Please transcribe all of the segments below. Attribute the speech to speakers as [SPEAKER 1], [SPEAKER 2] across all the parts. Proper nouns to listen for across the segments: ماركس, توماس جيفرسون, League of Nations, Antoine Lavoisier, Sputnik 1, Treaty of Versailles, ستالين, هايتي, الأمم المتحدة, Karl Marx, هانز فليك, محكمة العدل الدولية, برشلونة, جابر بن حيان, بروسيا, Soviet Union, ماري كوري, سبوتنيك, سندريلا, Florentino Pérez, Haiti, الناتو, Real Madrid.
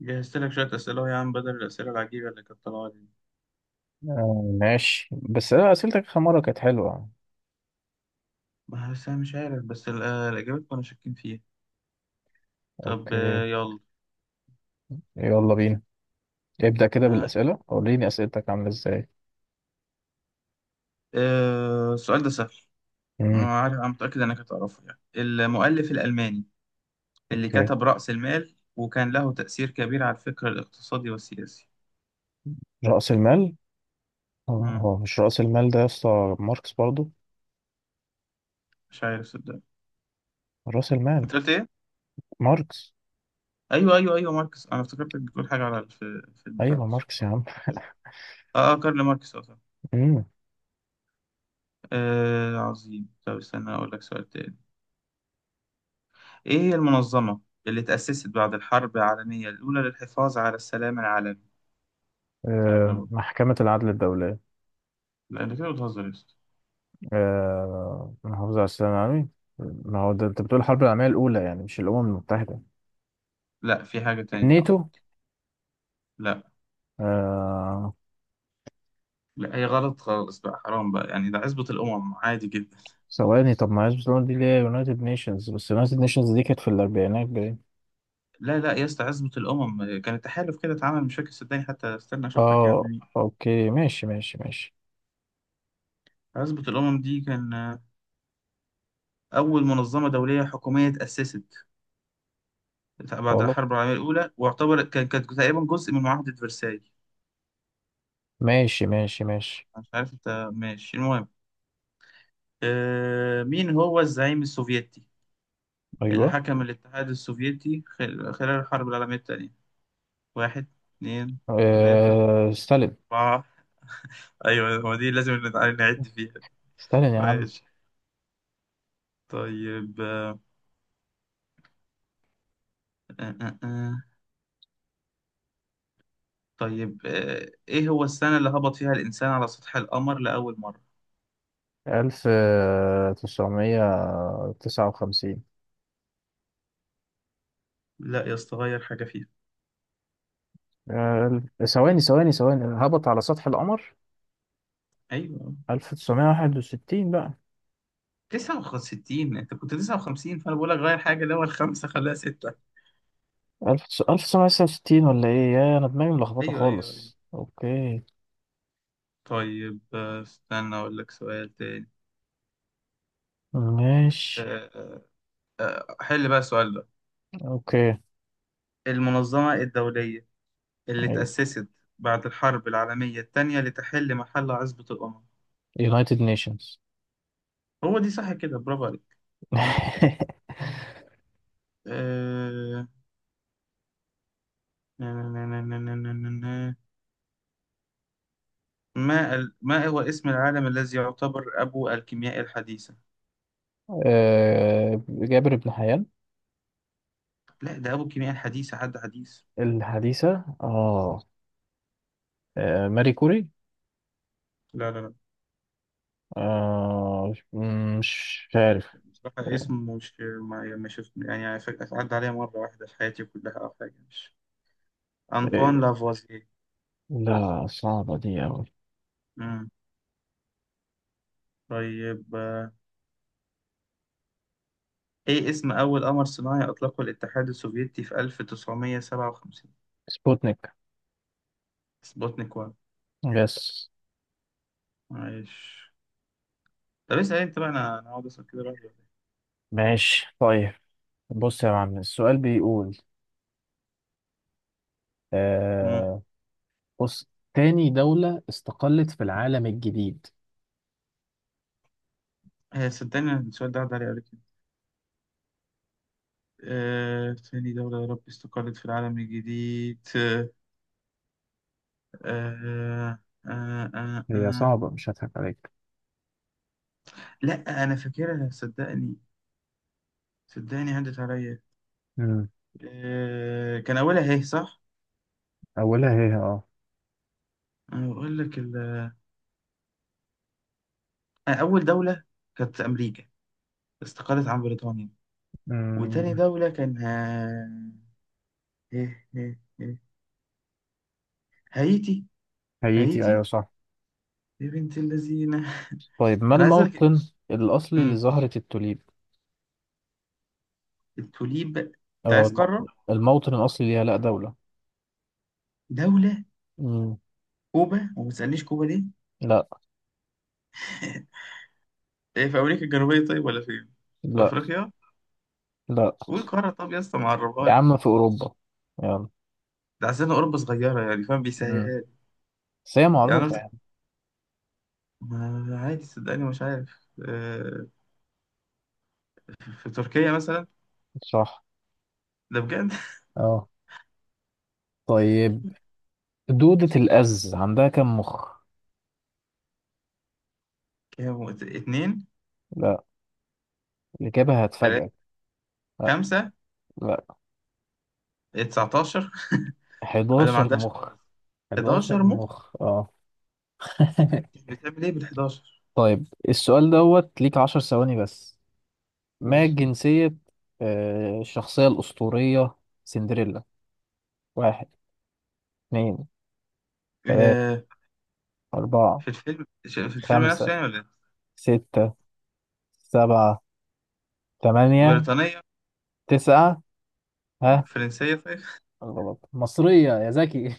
[SPEAKER 1] جهزت لك شوية أسئلة أهو يا عم، بدل الأسئلة العجيبة اللي كانت طالعة دي.
[SPEAKER 2] آه، ماشي. بس أنا أسئلتك آخر مرة كانت حلوة.
[SPEAKER 1] ما بس أنا مش عارف، بس الإجابات كنا شاكين فيها. طب
[SPEAKER 2] أوكي.
[SPEAKER 1] يلا.
[SPEAKER 2] يلا بينا. ابدأ كده
[SPEAKER 1] آه،
[SPEAKER 2] بالأسئلة وريني أسئلتك عاملة إزاي.
[SPEAKER 1] السؤال ده سهل.
[SPEAKER 2] مم.
[SPEAKER 1] أنا عارف، أنا متأكد إنك هتعرفه. يعني المؤلف الألماني اللي
[SPEAKER 2] أوكي.
[SPEAKER 1] كتب رأس المال وكان له تأثير كبير على الفكر الاقتصادي والسياسي.
[SPEAKER 2] رأس المال. هو
[SPEAKER 1] مم.
[SPEAKER 2] هو مش رأس المال ده يا اسطى؟ ماركس برضو.
[SPEAKER 1] مش عارف صدق.
[SPEAKER 2] رأس المال.
[SPEAKER 1] أنت قلت إيه؟
[SPEAKER 2] ماركس.
[SPEAKER 1] أيوه أيوه أيوه ماركس. أنا افتكرتك بتقول حاجة على في بتاع
[SPEAKER 2] أيوه ماركس يا
[SPEAKER 1] ده.
[SPEAKER 2] عم.
[SPEAKER 1] آه كارل ماركس، أه صح.
[SPEAKER 2] مم.
[SPEAKER 1] عظيم. طب استنى أقول لك سؤال تاني. إيه هي المنظمة اللي تأسست بعد الحرب العالمية الأولى للحفاظ على السلام العالمي؟ سهلة برضه.
[SPEAKER 2] محكمة العدل الدولية.
[SPEAKER 1] لا أنت كده بتهزر يا أسطى.
[SPEAKER 2] محافظة على السلام العالمي. ما هو ده أنت بتقول الحرب العالمية الأولى، يعني مش الأمم المتحدة.
[SPEAKER 1] لا، في حاجة تانية تعمل.
[SPEAKER 2] الناتو.
[SPEAKER 1] لا.
[SPEAKER 2] آه
[SPEAKER 1] لا هي غلط خالص بقى، حرام بقى يعني، ده عزبة الأمم عادي جدا.
[SPEAKER 2] ثواني. طب ما هي برشلونة دي اللي هي يونايتد نيشنز؟ بس يونايتد نيشنز دي كانت في الأربعينات باين.
[SPEAKER 1] لا لا يا اسطى، عزبة الأمم كان تحالف كده اتعمل، مش فاكر صدقني، حتى استنى أشوف لك يا عم
[SPEAKER 2] اه،
[SPEAKER 1] مين.
[SPEAKER 2] اوكي، ماشي ماشي ماشي.
[SPEAKER 1] عزبة الأمم دي كان أول منظمة دولية حكومية تأسست بعد
[SPEAKER 2] خلاص.
[SPEAKER 1] الحرب العالمية الأولى، واعتبرت كانت تقريبا جزء من معاهدة فرساي.
[SPEAKER 2] ماشي ماشي ماشي.
[SPEAKER 1] مش عارف أنت ماشي، المهم. مين هو الزعيم السوفيتي اللي
[SPEAKER 2] ايوه.
[SPEAKER 1] حكم الاتحاد السوفيتي خلال الحرب العالمية الثانية؟ واحد، اتنين، تلاتة،
[SPEAKER 2] ستالين.
[SPEAKER 1] أربعة. أيوة هو دي، لازم نعد فيها.
[SPEAKER 2] ستالين يا عم.
[SPEAKER 1] ماشي. طيب آه، آه. آه. طيب إيه هو السنة اللي هبط فيها الإنسان على سطح القمر لأول مرة؟
[SPEAKER 2] ألف تسعمية تسعة وخمسين.
[SPEAKER 1] لا يا اسطى، غير حاجة فيها.
[SPEAKER 2] ثواني ثواني ثواني. هبط على سطح القمر
[SPEAKER 1] أيوة
[SPEAKER 2] 1961 بقى.
[SPEAKER 1] 69، أنت كنت 59، فأنا بقول لك غير حاجة، اللي هو الخمسة خليها ستة.
[SPEAKER 2] ألف ألف تسعمية تسعة وستين، ولا إيه؟ يا، أنا دماغي ملخبطة
[SPEAKER 1] أيوة أيوة أيوة.
[SPEAKER 2] خالص. أوكي.
[SPEAKER 1] طيب استنى أقول لك سؤال تاني.
[SPEAKER 2] ماشي.
[SPEAKER 1] آه، آه. حل بقى السؤال ده.
[SPEAKER 2] أوكي.
[SPEAKER 1] المنظمة الدولية اللي
[SPEAKER 2] أيوه.
[SPEAKER 1] اتأسست بعد الحرب العالمية التانية لتحل محل عزبة الأمم.
[SPEAKER 2] يونايتد نيشنز.
[SPEAKER 1] هو دي صح كده، برافو عليك. آه، نا- نا- نا- نا- نا- نا- نا- نا. ما هو اسم العالم الذي يعتبر أبو الكيمياء الحديثة؟
[SPEAKER 2] جابر بن حيان.
[SPEAKER 1] لا ده أبو الكيمياء الحديثة، حد حديث.
[SPEAKER 2] الحديثة، اه. ماري كوري.
[SPEAKER 1] لا لا لا.
[SPEAKER 2] آه. مش عارف.
[SPEAKER 1] بصراحة
[SPEAKER 2] آه،
[SPEAKER 1] اسم مش ما ما شفت يعني، عدى عليا مرة واحدة في حياتي كلها أو حاجة، مش أنطوان لافوازييه.
[SPEAKER 2] لا، صعبة دي أوي.
[SPEAKER 1] مم. طيب، إيه اسم أول قمر صناعي أطلقه الاتحاد السوفيتي في 1957؟
[SPEAKER 2] سبوتنيك.
[SPEAKER 1] سبوتنيك 1.
[SPEAKER 2] يس.
[SPEAKER 1] معلش. طب اسأل أنت بقى، أنا هقعد أسأل كده لوحدي ولا إيه؟
[SPEAKER 2] ماشي. طيب. بص يا معلم، السؤال بيقول،
[SPEAKER 1] مم.
[SPEAKER 2] آه بص. تاني دولة استقلت في العالم الجديد.
[SPEAKER 1] صدقني أنا السؤال ده عدى عليه قبل كده. ثاني دولة يا رب استقلت في العالم الجديد. آه آه آه
[SPEAKER 2] هي
[SPEAKER 1] آه.
[SPEAKER 2] صعبة، مش هضحك عليك.
[SPEAKER 1] لا أنا فاكرها صدقني، صدقني عدت عليا.
[SPEAKER 2] مم.
[SPEAKER 1] آه، كان أولها إيه صح؟
[SPEAKER 2] أولها هي
[SPEAKER 1] أنا بقول لك أول دولة كانت أمريكا، استقلت عن بريطانيا. وتاني
[SPEAKER 2] مم.
[SPEAKER 1] دولة كان ها... إيه إيه إيه. هايتي.
[SPEAKER 2] هايتي، أيوة
[SPEAKER 1] هايتي
[SPEAKER 2] صح.
[SPEAKER 1] يا بنت اللذينة.
[SPEAKER 2] طيب، ما
[SPEAKER 1] أنا عايز أقول لك.
[SPEAKER 2] الموطن الأصلي
[SPEAKER 1] أمم،
[SPEAKER 2] لزهرة التوليب؟
[SPEAKER 1] التوليب، أنت
[SPEAKER 2] اه
[SPEAKER 1] عايز
[SPEAKER 2] الم-
[SPEAKER 1] قارة؟
[SPEAKER 2] الموطن الأصلي ليها. لأ، دولة.
[SPEAKER 1] دولة.
[SPEAKER 2] مم.
[SPEAKER 1] كوبا، وما تسألنيش كوبا ليه.
[SPEAKER 2] لا
[SPEAKER 1] إيه، في أمريكا الجنوبية طيب ولا فين؟ في
[SPEAKER 2] لا
[SPEAKER 1] أفريقيا؟
[SPEAKER 2] لا.
[SPEAKER 1] قول قارة، طب يا اسطى معرفها
[SPEAKER 2] يا
[SPEAKER 1] لي.
[SPEAKER 2] عم في أوروبا. يلا.
[SPEAKER 1] ده عشان أوروبا صغيرة يعني، فاهم
[SPEAKER 2] مم.
[SPEAKER 1] بيسهلها.
[SPEAKER 2] بس هي
[SPEAKER 1] يعني أنا
[SPEAKER 2] معروفة
[SPEAKER 1] قلت،
[SPEAKER 2] يعني.
[SPEAKER 1] ما عادي صدقني مش عارف. في تركيا مثلا.
[SPEAKER 2] صح،
[SPEAKER 1] ده بجد.
[SPEAKER 2] اه. طيب. دودة الأز عندها كم مخ؟
[SPEAKER 1] كام، اتنين،
[SPEAKER 2] لا، الإجابة
[SPEAKER 1] تلاتة،
[SPEAKER 2] هتفاجئك. لا
[SPEAKER 1] خمسة،
[SPEAKER 2] لا.
[SPEAKER 1] 19. انا ما
[SPEAKER 2] 11
[SPEAKER 1] عندهاش
[SPEAKER 2] مخ.
[SPEAKER 1] خالص.
[SPEAKER 2] 11
[SPEAKER 1] 11 مخ.
[SPEAKER 2] مخ، اه.
[SPEAKER 1] بتعمل ايه بال 11؟
[SPEAKER 2] طيب، السؤال دوت ليك 10 ثواني بس. ما جنسية الشخصية الأسطورية سندريلا؟ واحد، اتنين، تلاتة،
[SPEAKER 1] آه،
[SPEAKER 2] أربعة،
[SPEAKER 1] في الفيلم في الفيلم
[SPEAKER 2] خمسة،
[SPEAKER 1] نفسه يعني ولا إيه؟
[SPEAKER 2] ستة، سبعة، تمانية،
[SPEAKER 1] بريطانية،
[SPEAKER 2] تسعة، ها.
[SPEAKER 1] فرنسية، طيب.
[SPEAKER 2] غلط، مصرية يا زكي.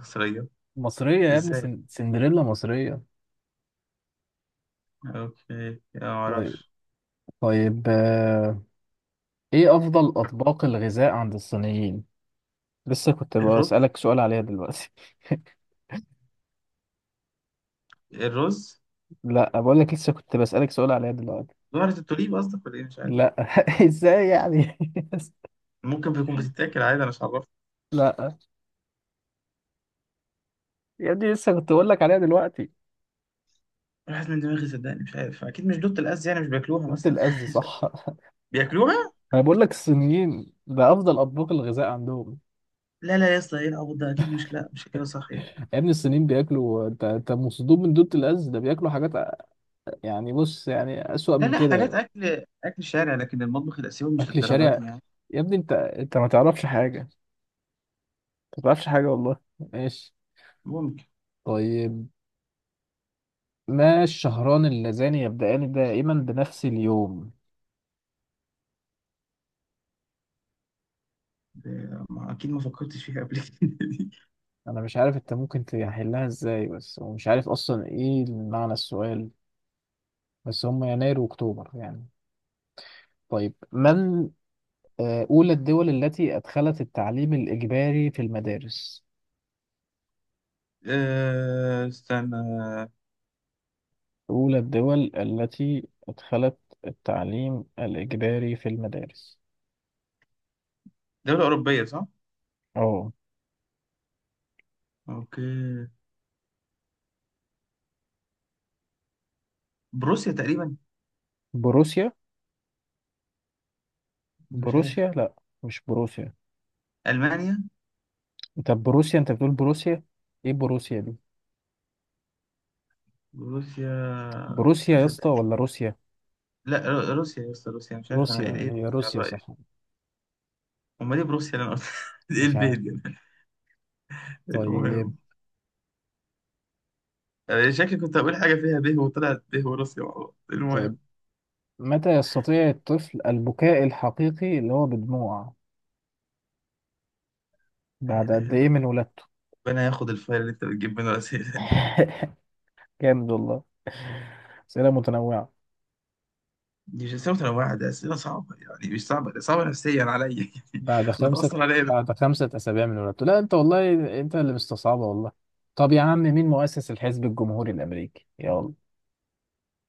[SPEAKER 1] مصرية،
[SPEAKER 2] مصرية يا ابني،
[SPEAKER 1] ازاي؟
[SPEAKER 2] سندريلا مصرية.
[SPEAKER 1] اوكي ما
[SPEAKER 2] طيب.
[SPEAKER 1] اعرفش.
[SPEAKER 2] طيب. ايه أفضل أطباق الغذاء عند الصينيين؟ لسه كنت
[SPEAKER 1] الرز،
[SPEAKER 2] بسألك سؤال عليها دلوقتي.
[SPEAKER 1] الرز.
[SPEAKER 2] لا، بقول لك لسه كنت بسألك سؤال عليها دلوقتي.
[SPEAKER 1] ظهرت التوليب قصدك ولا ايه، مش عارف.
[SPEAKER 2] لا. ازاي يعني؟
[SPEAKER 1] ممكن بيكون بتتاكل عادي، انا مش عارف.
[SPEAKER 2] لا يا ابني، لسه كنت بقول لك عليها دلوقتي.
[SPEAKER 1] راحت من دماغي صدقني، مش عارف، اكيد مش دوت الاز يعني، مش بياكلوها
[SPEAKER 2] جبت
[SPEAKER 1] مثلا.
[SPEAKER 2] الأز،
[SPEAKER 1] مش عارف.
[SPEAKER 2] صح.
[SPEAKER 1] بياكلوها.
[SPEAKER 2] انا بقول لك الصينيين ده افضل اطباق الغذاء عندهم.
[SPEAKER 1] لا لا يا اسطى، ايه العبط ده، اكيد مش، لا مش كده صح يعني.
[SPEAKER 2] يا ابني الصينيين بياكلوا، انت مصدوم من دوت الاز، ده بياكلوا حاجات. يعني بص، يعني اسوأ
[SPEAKER 1] لا
[SPEAKER 2] من
[SPEAKER 1] لا، حاجات
[SPEAKER 2] كده.
[SPEAKER 1] اكل شارع، لكن المطبخ الاسيوي مش
[SPEAKER 2] اكل
[SPEAKER 1] للدرجه
[SPEAKER 2] شارع.
[SPEAKER 1] دي يعني.
[SPEAKER 2] يا ابني انت ما تعرفش حاجه. ما تعرفش حاجه والله. ماشي.
[SPEAKER 1] ممكن.
[SPEAKER 2] طيب. ما الشهران اللذان يبدأان دائما بنفس اليوم؟
[SPEAKER 1] ما أكيد ما فكرتش فيها قبل. كده دي.
[SPEAKER 2] انا مش عارف انت ممكن تحلها ازاي بس، ومش عارف اصلا ايه معنى السؤال. بس هم يناير واكتوبر يعني. طيب. من أولى الدول التي أدخلت التعليم الإجباري في المدارس.
[SPEAKER 1] استنى.
[SPEAKER 2] أولى الدول التي أدخلت التعليم الإجباري في المدارس.
[SPEAKER 1] دولة أوروبية صح؟
[SPEAKER 2] أه.
[SPEAKER 1] أوكي. بروسيا تقريبا،
[SPEAKER 2] بروسيا.
[SPEAKER 1] مش
[SPEAKER 2] بروسيا
[SPEAKER 1] عارف.
[SPEAKER 2] لا. مش بروسيا.
[SPEAKER 1] ألمانيا.
[SPEAKER 2] طب بروسيا، أنت بتقول بروسيا. إيه بروسيا دي؟
[SPEAKER 1] بروسيا.
[SPEAKER 2] بروسيا يا اسطى،
[SPEAKER 1] صدق-
[SPEAKER 2] ولا روسيا؟
[SPEAKER 1] لا روسيا يا اسطى، روسيا، مش عارف أنا
[SPEAKER 2] روسيا
[SPEAKER 1] إيه، إيه
[SPEAKER 2] هي
[SPEAKER 1] بروسيا على
[SPEAKER 2] روسيا
[SPEAKER 1] الرأي.
[SPEAKER 2] صح.
[SPEAKER 1] أمال إيه بروسيا اللي أنا قلت؟ إيه
[SPEAKER 2] مش
[SPEAKER 1] البيه
[SPEAKER 2] عارف.
[SPEAKER 1] دي.
[SPEAKER 2] طيب.
[SPEAKER 1] المهم. شكلي كنت هقول حاجة فيها به، وطلعت به وروسيا مع بعض.
[SPEAKER 2] طيب.
[SPEAKER 1] المهم،
[SPEAKER 2] متى يستطيع الطفل البكاء الحقيقي، اللي هو بدموع،
[SPEAKER 1] لا
[SPEAKER 2] بعد
[SPEAKER 1] إله
[SPEAKER 2] قد
[SPEAKER 1] إلا
[SPEAKER 2] إيه
[SPEAKER 1] الله،
[SPEAKER 2] من ولادته؟
[SPEAKER 1] ربنا ياخد الفايل اللي أنت بتجيب منه الأسئلة دي.
[SPEAKER 2] جامد والله. أسئلة متنوعة.
[SPEAKER 1] دي مش أسئلة متنوعة، ده أسئلة صعبة يعني، مش صعبة ده، صعبة نفسيا عليا. يعني
[SPEAKER 2] بعد خمسة
[SPEAKER 1] بتأثر عليا.
[SPEAKER 2] بعد خمسة أسابيع من ولادته. لا أنت والله، أنت اللي مستصعبة والله. طب يا عم، مين مؤسس الحزب الجمهوري الأمريكي؟ يلا.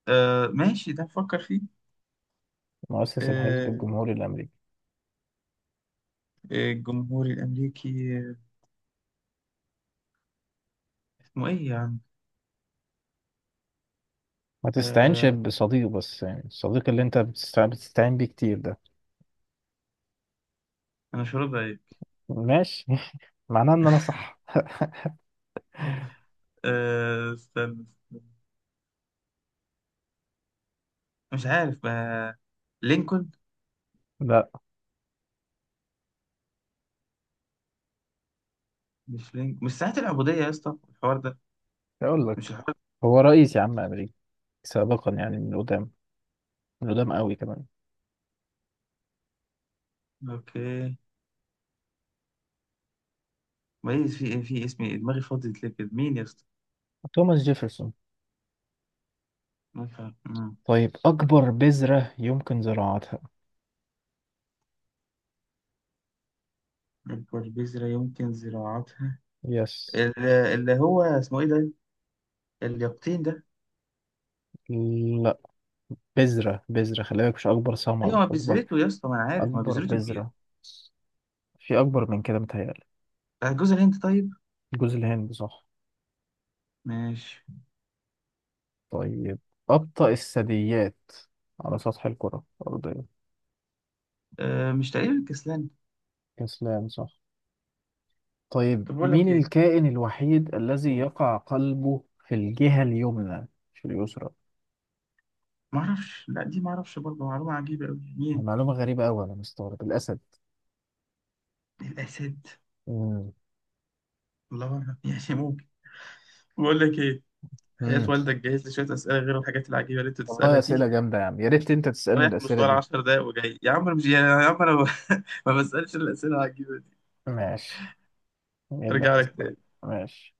[SPEAKER 1] آه ماشي، ده نفكر فيه.
[SPEAKER 2] مؤسس الحزب
[SPEAKER 1] آه،
[SPEAKER 2] الجمهوري الأمريكي.
[SPEAKER 1] الجمهوري الأمريكي. اسمه إيه يا عم؟
[SPEAKER 2] ما تستعينش
[SPEAKER 1] آه،
[SPEAKER 2] بصديق، بس يعني الصديق اللي أنت بتستعين بيه كتير ده.
[SPEAKER 1] أنا مش راضي عليك.
[SPEAKER 2] ماشي. معناه إن أنا صح.
[SPEAKER 1] آه استنى استنى، مش عارف، آه لينكولن.
[SPEAKER 2] لا،
[SPEAKER 1] مش لينكولن، مش ساعة العبودية يا اسطى الحوار ده،
[SPEAKER 2] أقول
[SPEAKER 1] مش
[SPEAKER 2] لك،
[SPEAKER 1] الحوار
[SPEAKER 2] هو رئيس يا عم أمريكي سابقا، يعني من قدام، من قدام قوي كمان.
[SPEAKER 1] ده. أوكي. ميز في إيه، في اسمي إيه؟ دماغي فاضية ليه كده، مين يا اسطى؟
[SPEAKER 2] توماس جيفرسون.
[SPEAKER 1] ما فا- مم.
[SPEAKER 2] طيب، أكبر بذرة يمكن زراعتها.
[SPEAKER 1] البربيزرة يمكن زراعتها.
[SPEAKER 2] يس.
[SPEAKER 1] اللي هو اسمه إيه ده؟ اليقطين ده.
[SPEAKER 2] بذرة بذرة، خلي بالك، مش أكبر
[SPEAKER 1] أيوه
[SPEAKER 2] ثمرة،
[SPEAKER 1] ما
[SPEAKER 2] أكبر
[SPEAKER 1] بذرته يا اسطى، ما أنا عارف ما
[SPEAKER 2] أكبر
[SPEAKER 1] بذرته كبير.
[SPEAKER 2] بذرة. في أكبر من كده متهيألي.
[SPEAKER 1] بتاع جوز الهند طيب؟
[SPEAKER 2] جوز الهند صح.
[SPEAKER 1] ماشي.
[SPEAKER 2] طيب، أبطأ الثدييات على سطح الكرة الأرضية.
[SPEAKER 1] مش تقريبا الكسلان.
[SPEAKER 2] كسلان صح. طيب،
[SPEAKER 1] طب بقول
[SPEAKER 2] مين
[SPEAKER 1] لك ايه،
[SPEAKER 2] الكائن الوحيد الذي
[SPEAKER 1] قول.
[SPEAKER 2] يقع قلبه في الجهة اليمنى مش اليسرى؟
[SPEAKER 1] ما اعرفش. لا دي ما اعرفش برضه، معلومه عجيبه قوي يعني.
[SPEAKER 2] معلومة غريبة أوي، أنا مستغرب. الأسد.
[SPEAKER 1] ايه الاسد؟
[SPEAKER 2] مم.
[SPEAKER 1] الله اعلم. يعني ممكن. بقول لك ايه، حياة
[SPEAKER 2] مم.
[SPEAKER 1] والدك جهز لي شوية أسئلة غير الحاجات العجيبة اللي أنت بتسألها
[SPEAKER 2] والله
[SPEAKER 1] دي.
[SPEAKER 2] أسئلة جامدة يا عم، يا ريت أنت تسألني
[SPEAKER 1] رايح
[SPEAKER 2] الأسئلة
[SPEAKER 1] مشوار
[SPEAKER 2] دي.
[SPEAKER 1] 10 دقايق وجاي يا عم، أنا مش يعني يا عم أنا ما ما بسألش الأسئلة العجيبة دي.
[SPEAKER 2] ماشي. نجيب لك
[SPEAKER 1] أرجع لك
[SPEAKER 2] أسئلة.
[SPEAKER 1] تاني.
[SPEAKER 2] ماشي.